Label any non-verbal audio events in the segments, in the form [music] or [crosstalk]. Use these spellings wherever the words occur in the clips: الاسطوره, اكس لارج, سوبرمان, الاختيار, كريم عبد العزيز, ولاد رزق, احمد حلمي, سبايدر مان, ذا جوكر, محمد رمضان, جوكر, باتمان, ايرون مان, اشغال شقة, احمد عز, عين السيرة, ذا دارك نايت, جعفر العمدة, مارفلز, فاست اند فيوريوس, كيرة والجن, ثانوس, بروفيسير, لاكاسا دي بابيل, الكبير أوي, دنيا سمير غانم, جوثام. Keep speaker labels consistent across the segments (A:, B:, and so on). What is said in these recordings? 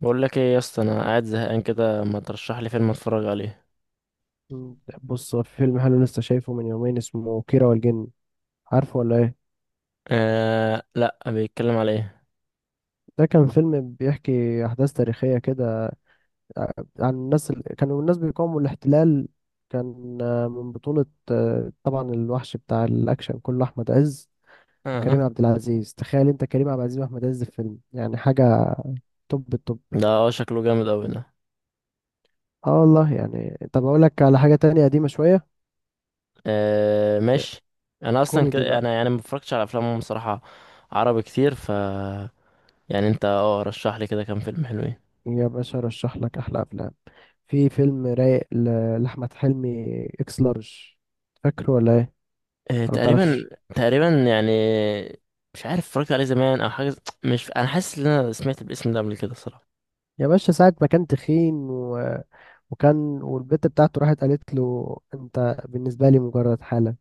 A: بقول لك ايه يا اسطى؟ انا قاعد زهقان كده، ما ترشح لي فيلم اتفرج عليه؟
B: مم. بص هو في فيلم حلو لسه شايفه من يومين اسمه كيرة والجن، عارفه ولا ايه؟
A: آه، لا، بيتكلم على ايه؟
B: ده كان فيلم بيحكي احداث تاريخيه كده عن كانوا الناس بيقاوموا الاحتلال. كان من بطوله، طبعا الوحش بتاع الاكشن كله احمد عز وكريم
A: آه.
B: عبد العزيز. تخيل انت كريم عبد العزيز واحمد عز في فيلم، يعني حاجه توب التوب.
A: ده شكله جامد قوي ده.
B: اه والله. يعني طب اقول لك على حاجه تانية قديمه شويه.
A: آه،
B: آه،
A: ماشي. انا اصلا
B: كوميدي بقى.
A: انا يعني ما بفرجش على افلام بصراحه، عربي كتير، ف يعني انت رشح لي كده كام فيلم حلوين.
B: يا باشا ارشح لك احلى افلام. في فيلم رايق لأحمد حلمي، اكس لارج. فاكره ولا ايه؟
A: آه،
B: انا
A: تقريبا.
B: متعرفش.
A: تقريبا يعني. مش عارف اتفرجت عليه زمان او حاجه. مش، انا حاسس ان انا سمعت الاسم ده قبل كده صراحه.
B: يا باشا ساعة ما كان تخين وكان والبت بتاعته راحت قالت له: انت بالنسبة لي مجرد حالة.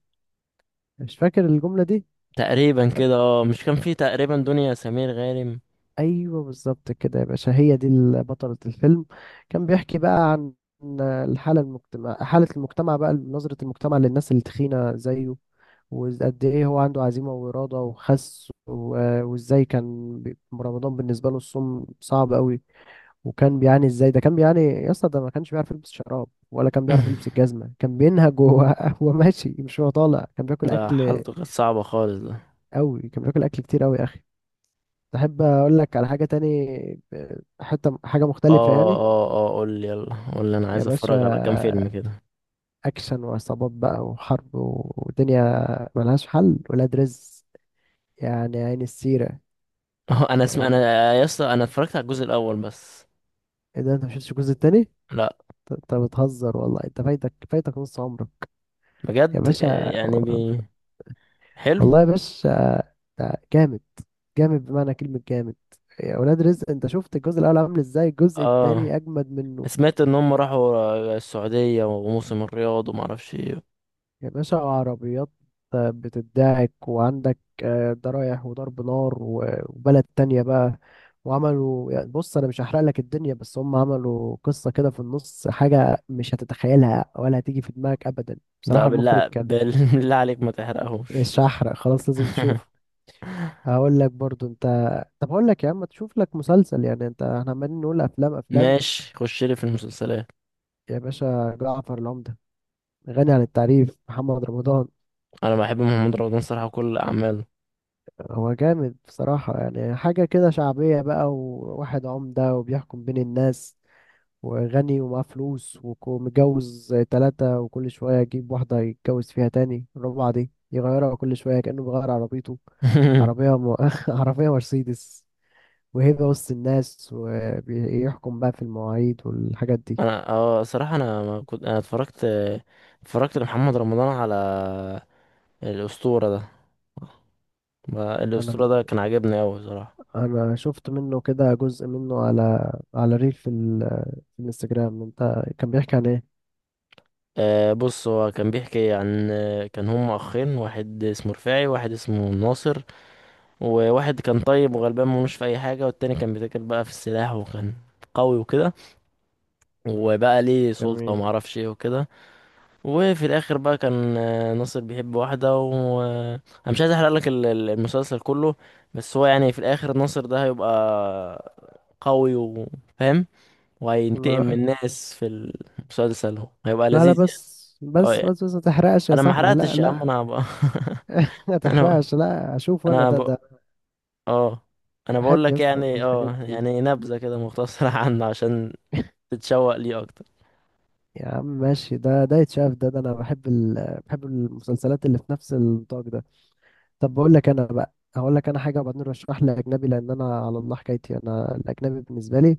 B: مش فاكر الجملة دي؟
A: تقريبا كده، مش كان فيه تقريبا دنيا سمير غانم؟
B: ايوه بالظبط كده يا باشا، هي دي بطلة الفيلم. كان بيحكي بقى عن الحالة المجتمع حالة المجتمع بقى، نظرة المجتمع للناس التخينة زيه، وقد ايه هو عنده عزيمة وإرادة وخس، وازاي كان رمضان بالنسبة له الصوم صعب قوي. وكان بيعاني ازاي، ده كان بيعاني يا اسطى، ده ما كانش بيعرف يلبس شراب ولا كان بيعرف يلبس
A: [laughs]
B: الجزمة، كان بينهج وهو [laughs] وهو ماشي، مش هو طالع، كان بياكل
A: ده
B: أكل
A: حالته كانت صعبة خالص ده.
B: قوي، كان بياكل أكل كتير قوي يا أخي. تحب اقول لك على حاجة تاني؟ حتة حاجة مختلفة
A: اه
B: يعني.
A: اه اه، قول لي يلا، قول لي، انا
B: يا
A: عايز
B: باشا
A: اتفرج على كام فيلم كده. [laughs]
B: اكشن وعصابات بقى وحرب ودنيا، ملهاش حل، ولاد رزق، يعني عين السيرة
A: اه انا اسم انا،
B: يعني.
A: يا اسطى انا اتفرجت على الجزء الاول بس.
B: ايه ده، انت مشفتش الجزء التاني؟
A: لا،
B: انت بتهزر والله، انت فايتك، فايتك نص عمرك يا
A: بجد.
B: باشا.
A: يعني حلو.
B: والله يا باشا ده جامد، جامد بمعنى كلمة جامد. يا ولاد رزق انت شفت الجزء الاول عامل ازاي، الجزء
A: اه،
B: التاني اجمد منه.
A: سمعت ان هم راحوا السعودية وموسم الرياض وما اعرفش ايه.
B: يا باشا عربيات بتدعك وعندك، ده رايح وضرب نار وبلد تانية بقى. وعملوا يعني، بص أنا مش هحرق لك الدنيا، بس هم عملوا قصة كده في النص حاجة مش هتتخيلها ولا هتيجي في دماغك أبدا.
A: ده
B: بصراحة المخرج
A: بالله
B: كان.
A: بالله عليك ما تحرقهوش.
B: مش هحرق خلاص، لازم
A: [laughs]
B: تشوفه. هقول لك برضو أنت. طب هقول لك يا عم تشوف لك مسلسل، يعني أنت احنا عمالين نقول أفلام أفلام.
A: ماشي، خش لي في المسلسلات.
B: يا باشا جعفر العمدة، غني عن التعريف، محمد رمضان.
A: انا بحب محمد رمضان صراحة وكل اعماله.
B: هو جامد بصراحة، يعني حاجة كده شعبية بقى، وواحد عمدة وبيحكم بين الناس، وغني ومعاه فلوس، ومتجوز تلاتة وكل شوية يجيب واحدة يتجوز فيها، تاني الرابعة دي يغيرها كل شوية كأنه بيغير عربيته.
A: [laughs]
B: عربية م... [laughs] عربية مرسيدس، وهيبة وسط الناس، وبيحكم بقى في المواعيد والحاجات دي.
A: انا صراحه انا ما كنت، انا اتفرجت، لمحمد رمضان على الاسطوره ده.
B: أنا
A: الاسطوره ده كان عاجبني قوي صراحه.
B: أنا شفت منه كده جزء منه على على ريل في، في الانستجرام. أنت كان بيحكي عن إيه؟
A: آه، بص هو كان بيحكي عن، كان هم اخين، واحد اسمه رفاعي واحد اسمه ناصر. وواحد كان طيب وغلبان ملوش في اي حاجه، والتاني كان بيتاجر بقى في السلاح وكان قوي وكده، وبقى ليه سلطه
B: جميل.
A: وما اعرفش ايه وكده. وفي الاخر بقى كان ناصر بيحب واحده و انا مش عايز احرق لك المسلسل كله. بس هو يعني في الاخر ناصر ده هيبقى قوي وفاهم، وهينتقم من
B: أنا
A: الناس في المسلسل. هيبقى
B: لا لا،
A: لذيذ يعني.
B: بس
A: اه
B: بس
A: يعني،
B: بس بس ما تحرقش يا
A: انا ما
B: صاحبي، لا
A: حرقتش يا عم
B: لا.
A: انا بقى.
B: [laughs]
A: [laughs]
B: ما
A: انا،
B: تحرقش، لا اشوف انا
A: انا
B: ده
A: ب...
B: ده.
A: اه، انا بقول
B: بحب
A: لك
B: يصل
A: يعني
B: الحاجات دي.
A: يعني نبذه كده مختصره [laughs] عنه عشان تتشوق ليه اكتر.
B: يا عم ماشي، ده ده يتشاف ده ده، انا بحب بحب المسلسلات اللي في نفس النطاق ده. طب بقول لك انا بقى، هقول لك انا حاجه وبعدين رشح لي اجنبي، لان انا على الله حكايتي انا، الاجنبي بالنسبه لي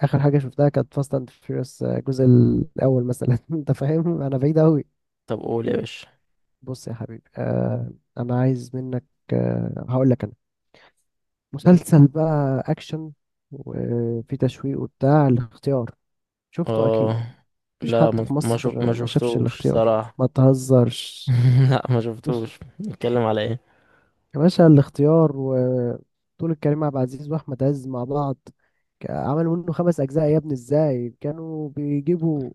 B: اخر حاجه شفتها كانت فاست اند فيوريوس الجزء الاول مثلا. [laughs] انت فاهم، انا بعيد قوي.
A: طب قول يا باشا.
B: بص يا حبيبي، آه، انا عايز منك، آه هقول لك، مسلسل بقى اكشن وفي تشويق وبتاع، الاختيار. شفته اكيد؟
A: اه
B: مفيش
A: لا،
B: حد في
A: ما
B: مصر ما شافش
A: شفتوش
B: الاختيار،
A: صراحه.
B: ما تهزرش.
A: [laughs] لا ما شفتوش، بيتكلم على ايه؟
B: يا باشا الاختيار، وبطولة كريم عبد العزيز واحمد عز مع بعض. عملوا منه خمس اجزاء يا ابني، ازاي كانوا بيجيبوا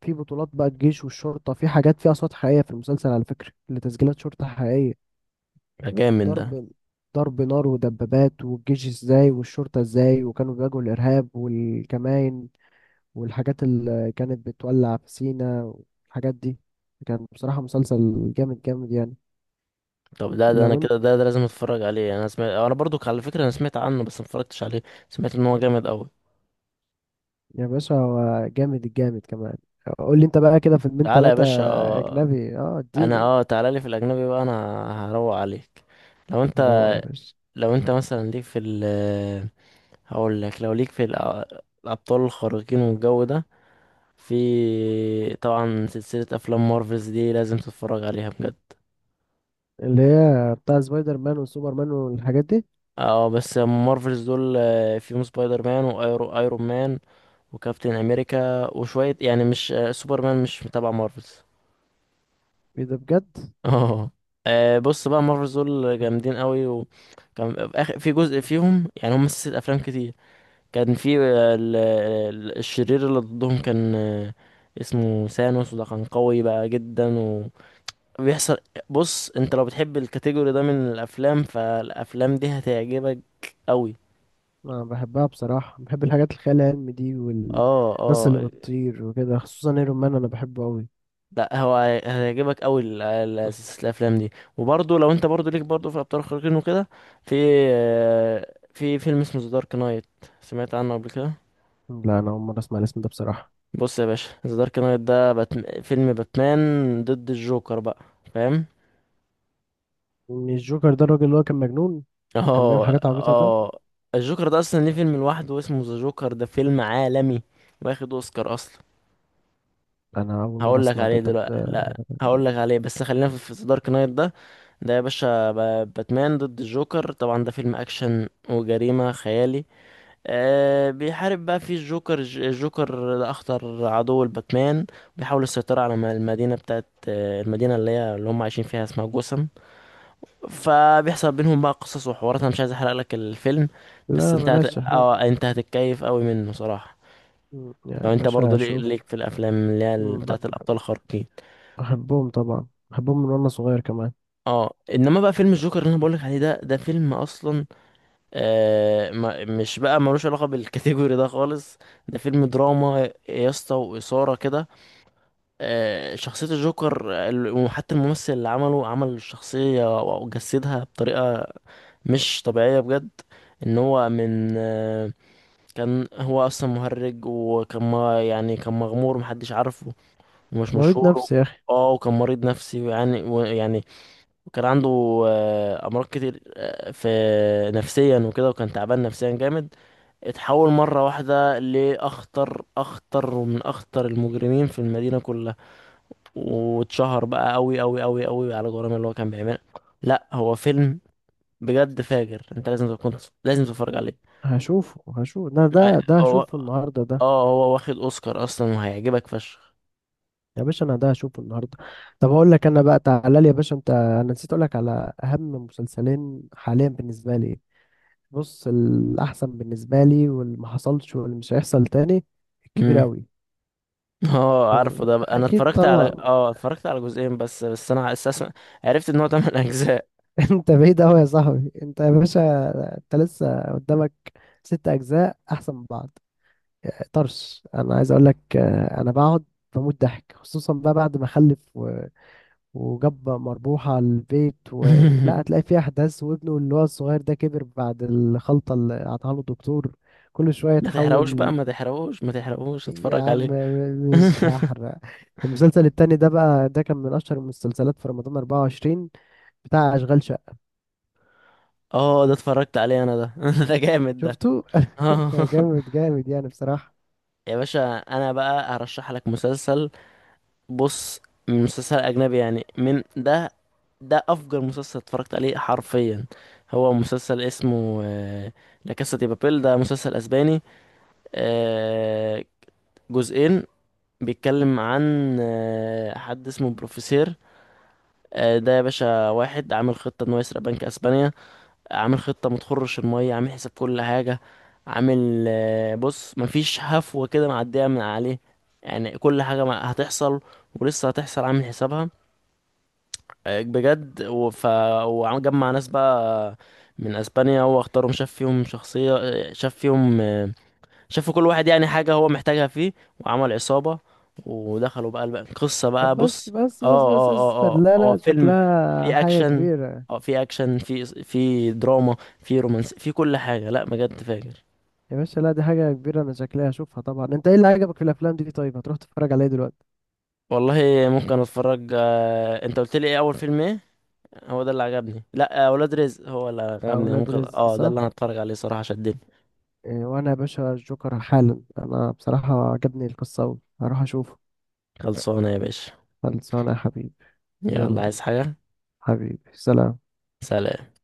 B: في بطولات بقى الجيش والشرطة، في حاجات فيها اصوات حقيقية في المسلسل على فكرة، اللي تسجيلات شرطة حقيقية.
A: ده جامد ده.
B: ضرب ضرب نار ودبابات، والجيش ازاي والشرطة ازاي، وكانوا بيواجهوا الارهاب والكمائن والحاجات اللي كانت بتولع في سينا والحاجات دي. كان بصراحة مسلسل جامد جامد يعني.
A: طب ده انا
B: لو انت.
A: كده ده، لازم اتفرج عليه. انا سمعت، انا برضو على فكره انا سمعت عنه بس ما اتفرجتش عليه. سمعت ان هو جامد قوي.
B: يا باشا هو جامد الجامد كمان. قول لي انت بقى كده فيلمين
A: تعالى يا
B: تلاتة
A: باشا. اه،
B: أجنبي، اه
A: انا
B: اديني.
A: تعالى لي في الاجنبي بقى، انا هروق عليك. لو
B: روق
A: انت،
B: يا باشا.
A: لو انت مثلا ليك في ال، هقول لك لو ليك في الابطال الخارقين والجو ده، في طبعا سلسله افلام مارفلز دي لازم تتفرج عليها بجد.
B: اللي هي بتاع سبايدر مان وسوبر مان والحاجات دي.
A: اه، بس مارفلز دول فيهم سبايدر مان وايرون ايرون مان وكابتن امريكا وشويه، يعني مش سوبرمان مش تبع مارفلز.
B: ايه ده بجد.
A: [laughs] اه. بص بقى مارفلز دول جامدين قوي، وكان في في جزء فيهم، يعني هم سلسله افلام كتير. كان في الشرير اللي ضدهم كان اسمه ثانوس، وده كان قوي بقى جدا. وبيحصل، بص انت لو بتحب الكاتيجوري ده من الافلام فالافلام دي هتعجبك قوي.
B: انا بحبها بصراحة، بحب الحاجات الخيال العلمي دي
A: اه
B: والناس اللي
A: اه.
B: بتطير وكده، خصوصا ايرون مان انا بحبه قوي.
A: لا هو هيعجبك قوي سلسلة الافلام دي. وبرضه لو انت برضه ليك برضه في الابطال الخارقين وكده، في في فيلم اسمه ذا دارك نايت. سمعت عنه قبل كده؟
B: لا انا اول مرة اسمع الاسم ده بصراحة.
A: بص يا باشا، ذا دارك نايت ده فيلم باتمان ضد الجوكر بقى، فاهم؟
B: مش جوكر ده الراجل اللي هو كان مجنون
A: [laughs]
B: وكان بيعمل
A: اه
B: حاجات عبيطة ده.
A: اه. الجوكر ده اصلا ليه فيلم لوحده اسمه ذا جوكر، ده فيلم عالمي واخد اوسكار اصلا.
B: أنا أول مرة
A: هقول لك
B: أسمع ده،
A: عليه
B: طب
A: دلوقتي،
B: ده.
A: لا هقول لك عليه بس خلينا في دارك نايت ده. ده يا باشا باتمان ضد الجوكر، طبعا ده فيلم اكشن وجريمة خيالي. بيحارب بقى فيه الجوكر، الجوكر ده اخطر عدو لباتمان. بيحاول السيطرة على المدينة بتاعت المدينة اللي هي اللي هم عايشين فيها اسمها جوثام. فبيحصل بينهم بقى قصص وحوارات، انا مش عايز احرق لك الفيلم. بس
B: لا
A: انت هت...
B: بلاش شهرة.
A: اه انت هتتكيف قوي منه صراحة.
B: يا
A: لو انت
B: باشا
A: برضو ليك،
B: أشوف.
A: في الافلام اللي هي
B: مم،
A: بتاعت الابطال الخارقين.
B: بحبهم طبعا، بحبهم من وأنا صغير كمان.
A: اه، انما بقى فيلم الجوكر اللي انا بقولك عليه ده فيلم اصلا. آه ما مش بقى ملوش علاقه بالكاتيجوري ده خالص. ده فيلم دراما يا اسطى واثاره كده. شخصيه الجوكر وحتى الممثل اللي عمله عمل الشخصيه وجسدها بطريقه مش طبيعيه بجد. ان هو من كان هو اصلا مهرج، وكان ما يعني كان مغمور محدش عارفه ومش
B: مريض
A: مشهور.
B: نفسي يا أخي.
A: اه، وكان مريض نفسي يعني ويعني، وكان عنده امراض كتير في نفسيا وكده، وكان تعبان نفسيا جامد. اتحول مره واحده لاخطر، اخطر ومن اخطر المجرمين في المدينه كلها، واتشهر بقى قوي قوي قوي قوي على جرائم اللي هو كان بيعملها. لا هو فيلم بجد فاجر، انت لازم تكون، لازم تتفرج عليه.
B: هشوفه، هشوف ده، ده
A: آه،
B: ده
A: هو
B: هشوفه النهاردة ده.
A: اه هو واخد اوسكار اصلا وهيعجبك فشخ.
B: يا باشا أنا ده هشوفه النهاردة. طب أقول لك أنا بقى، تعالى لي يا باشا أنت، أنا نسيت أقول لك على أهم مسلسلين حاليا بالنسبة لي. بص الأحسن بالنسبة لي واللي ما حصلش واللي مش هيحصل تاني، الكبير
A: امم.
B: أوي.
A: [laughs] اه، عارفه ده بقى. انا
B: أكيد
A: اتفرجت على
B: طبعا.
A: اتفرجت على جزئين بس، انا اساسا عرفت ان هو 8 اجزاء.
B: [laughs] انت بعيد قوي يا صاحبي انت، يا باشا انت لسه قدامك ست اجزاء احسن من بعض. طرش. انا عايز اقول لك، انا بقعد بموت ضحك خصوصا بقى بعد ما خلف وجاب مربوحة على البيت لا هتلاقي
A: [laughs]
B: فيه احداث، وابنه اللي هو الصغير ده كبر بعد الخلطة اللي قطعها له الدكتور، كل شوية
A: ما تحرقوش بقى،
B: يتحول.
A: ما تحرقوش، ما تحرقوش،
B: يا
A: اتفرج
B: عم
A: عليه.
B: مش
A: [laughs]
B: هحرق. المسلسل التاني ده بقى، ده كان من اشهر المسلسلات في رمضان 24، بتاع اشغال شقة.
A: اه ده اتفرجت عليه انا ده. [laughs] ده جامد ده.
B: شفته؟
A: اه.
B: جامد جامد يعني بصراحة.
A: [laughs] يا باشا انا بقى هرشح لك مسلسل. بص، مسلسل اجنبي يعني من ده. ده افجر مسلسل اتفرجت عليه حرفيا. هو مسلسل اسمه لا كاسا دي بابيل، ده مسلسل اسباني آه، جزئين. بيتكلم عن حد اسمه بروفيسير. ده يا باشا واحد عامل خطة انه يسرق بنك اسبانيا. عامل خطة متخرش المية، عامل حساب كل حاجة. عامل بص مفيش هفوة كده معدية من عليه. يعني كل حاجة هتحصل ولسه هتحصل عامل حسابها. بجد. و- ف وجمع ناس بقى من اسبانيا، هو اختارهم، شاف فيهم شخصية، آه، شاف فيهم آه، شافوا كل واحد يعني حاجة هو محتاجها فيه. وعمل عصابة ودخلوا بقى القصة
B: طب
A: بقى.
B: بس
A: بص.
B: بس
A: اه
B: بس بس
A: اه
B: اصبر،
A: اه اه،
B: لا
A: هو
B: لا
A: فيلم
B: شكلها
A: فيه
B: حاجة
A: أكشن.
B: كبيرة.
A: اه فيه أكشن، فيه دراما، فيه رومانس، فيه كل حاجة. لا بجد فاجر.
B: يا باشا لا، دي حاجة كبيرة، أنا شكلها هشوفها طبعا. أنت إيه اللي عجبك في الأفلام دي؟ طيب هتروح تتفرج عليها دلوقتي؟
A: والله ممكن أتفرج. أنت قلت لي إيه أول فيلم إيه؟ هو ده اللي عجبني. لا ولاد رزق هو اللي عجبني أنا،
B: أولاد
A: ممكن
B: رزق،
A: ده اللي
B: صح؟
A: أنا أتفرج عليه صراحة، شدني.
B: إيه وأنا يا باشا الجوكر حالا، أنا بصراحة عجبني القصة أوي، هروح أشوفه.
A: خلصانة يا باشا.
B: خلصانة يا حبيبي.
A: يلا،
B: يلا
A: عايز حاجة؟
B: حبيبي، سلام.
A: سلام.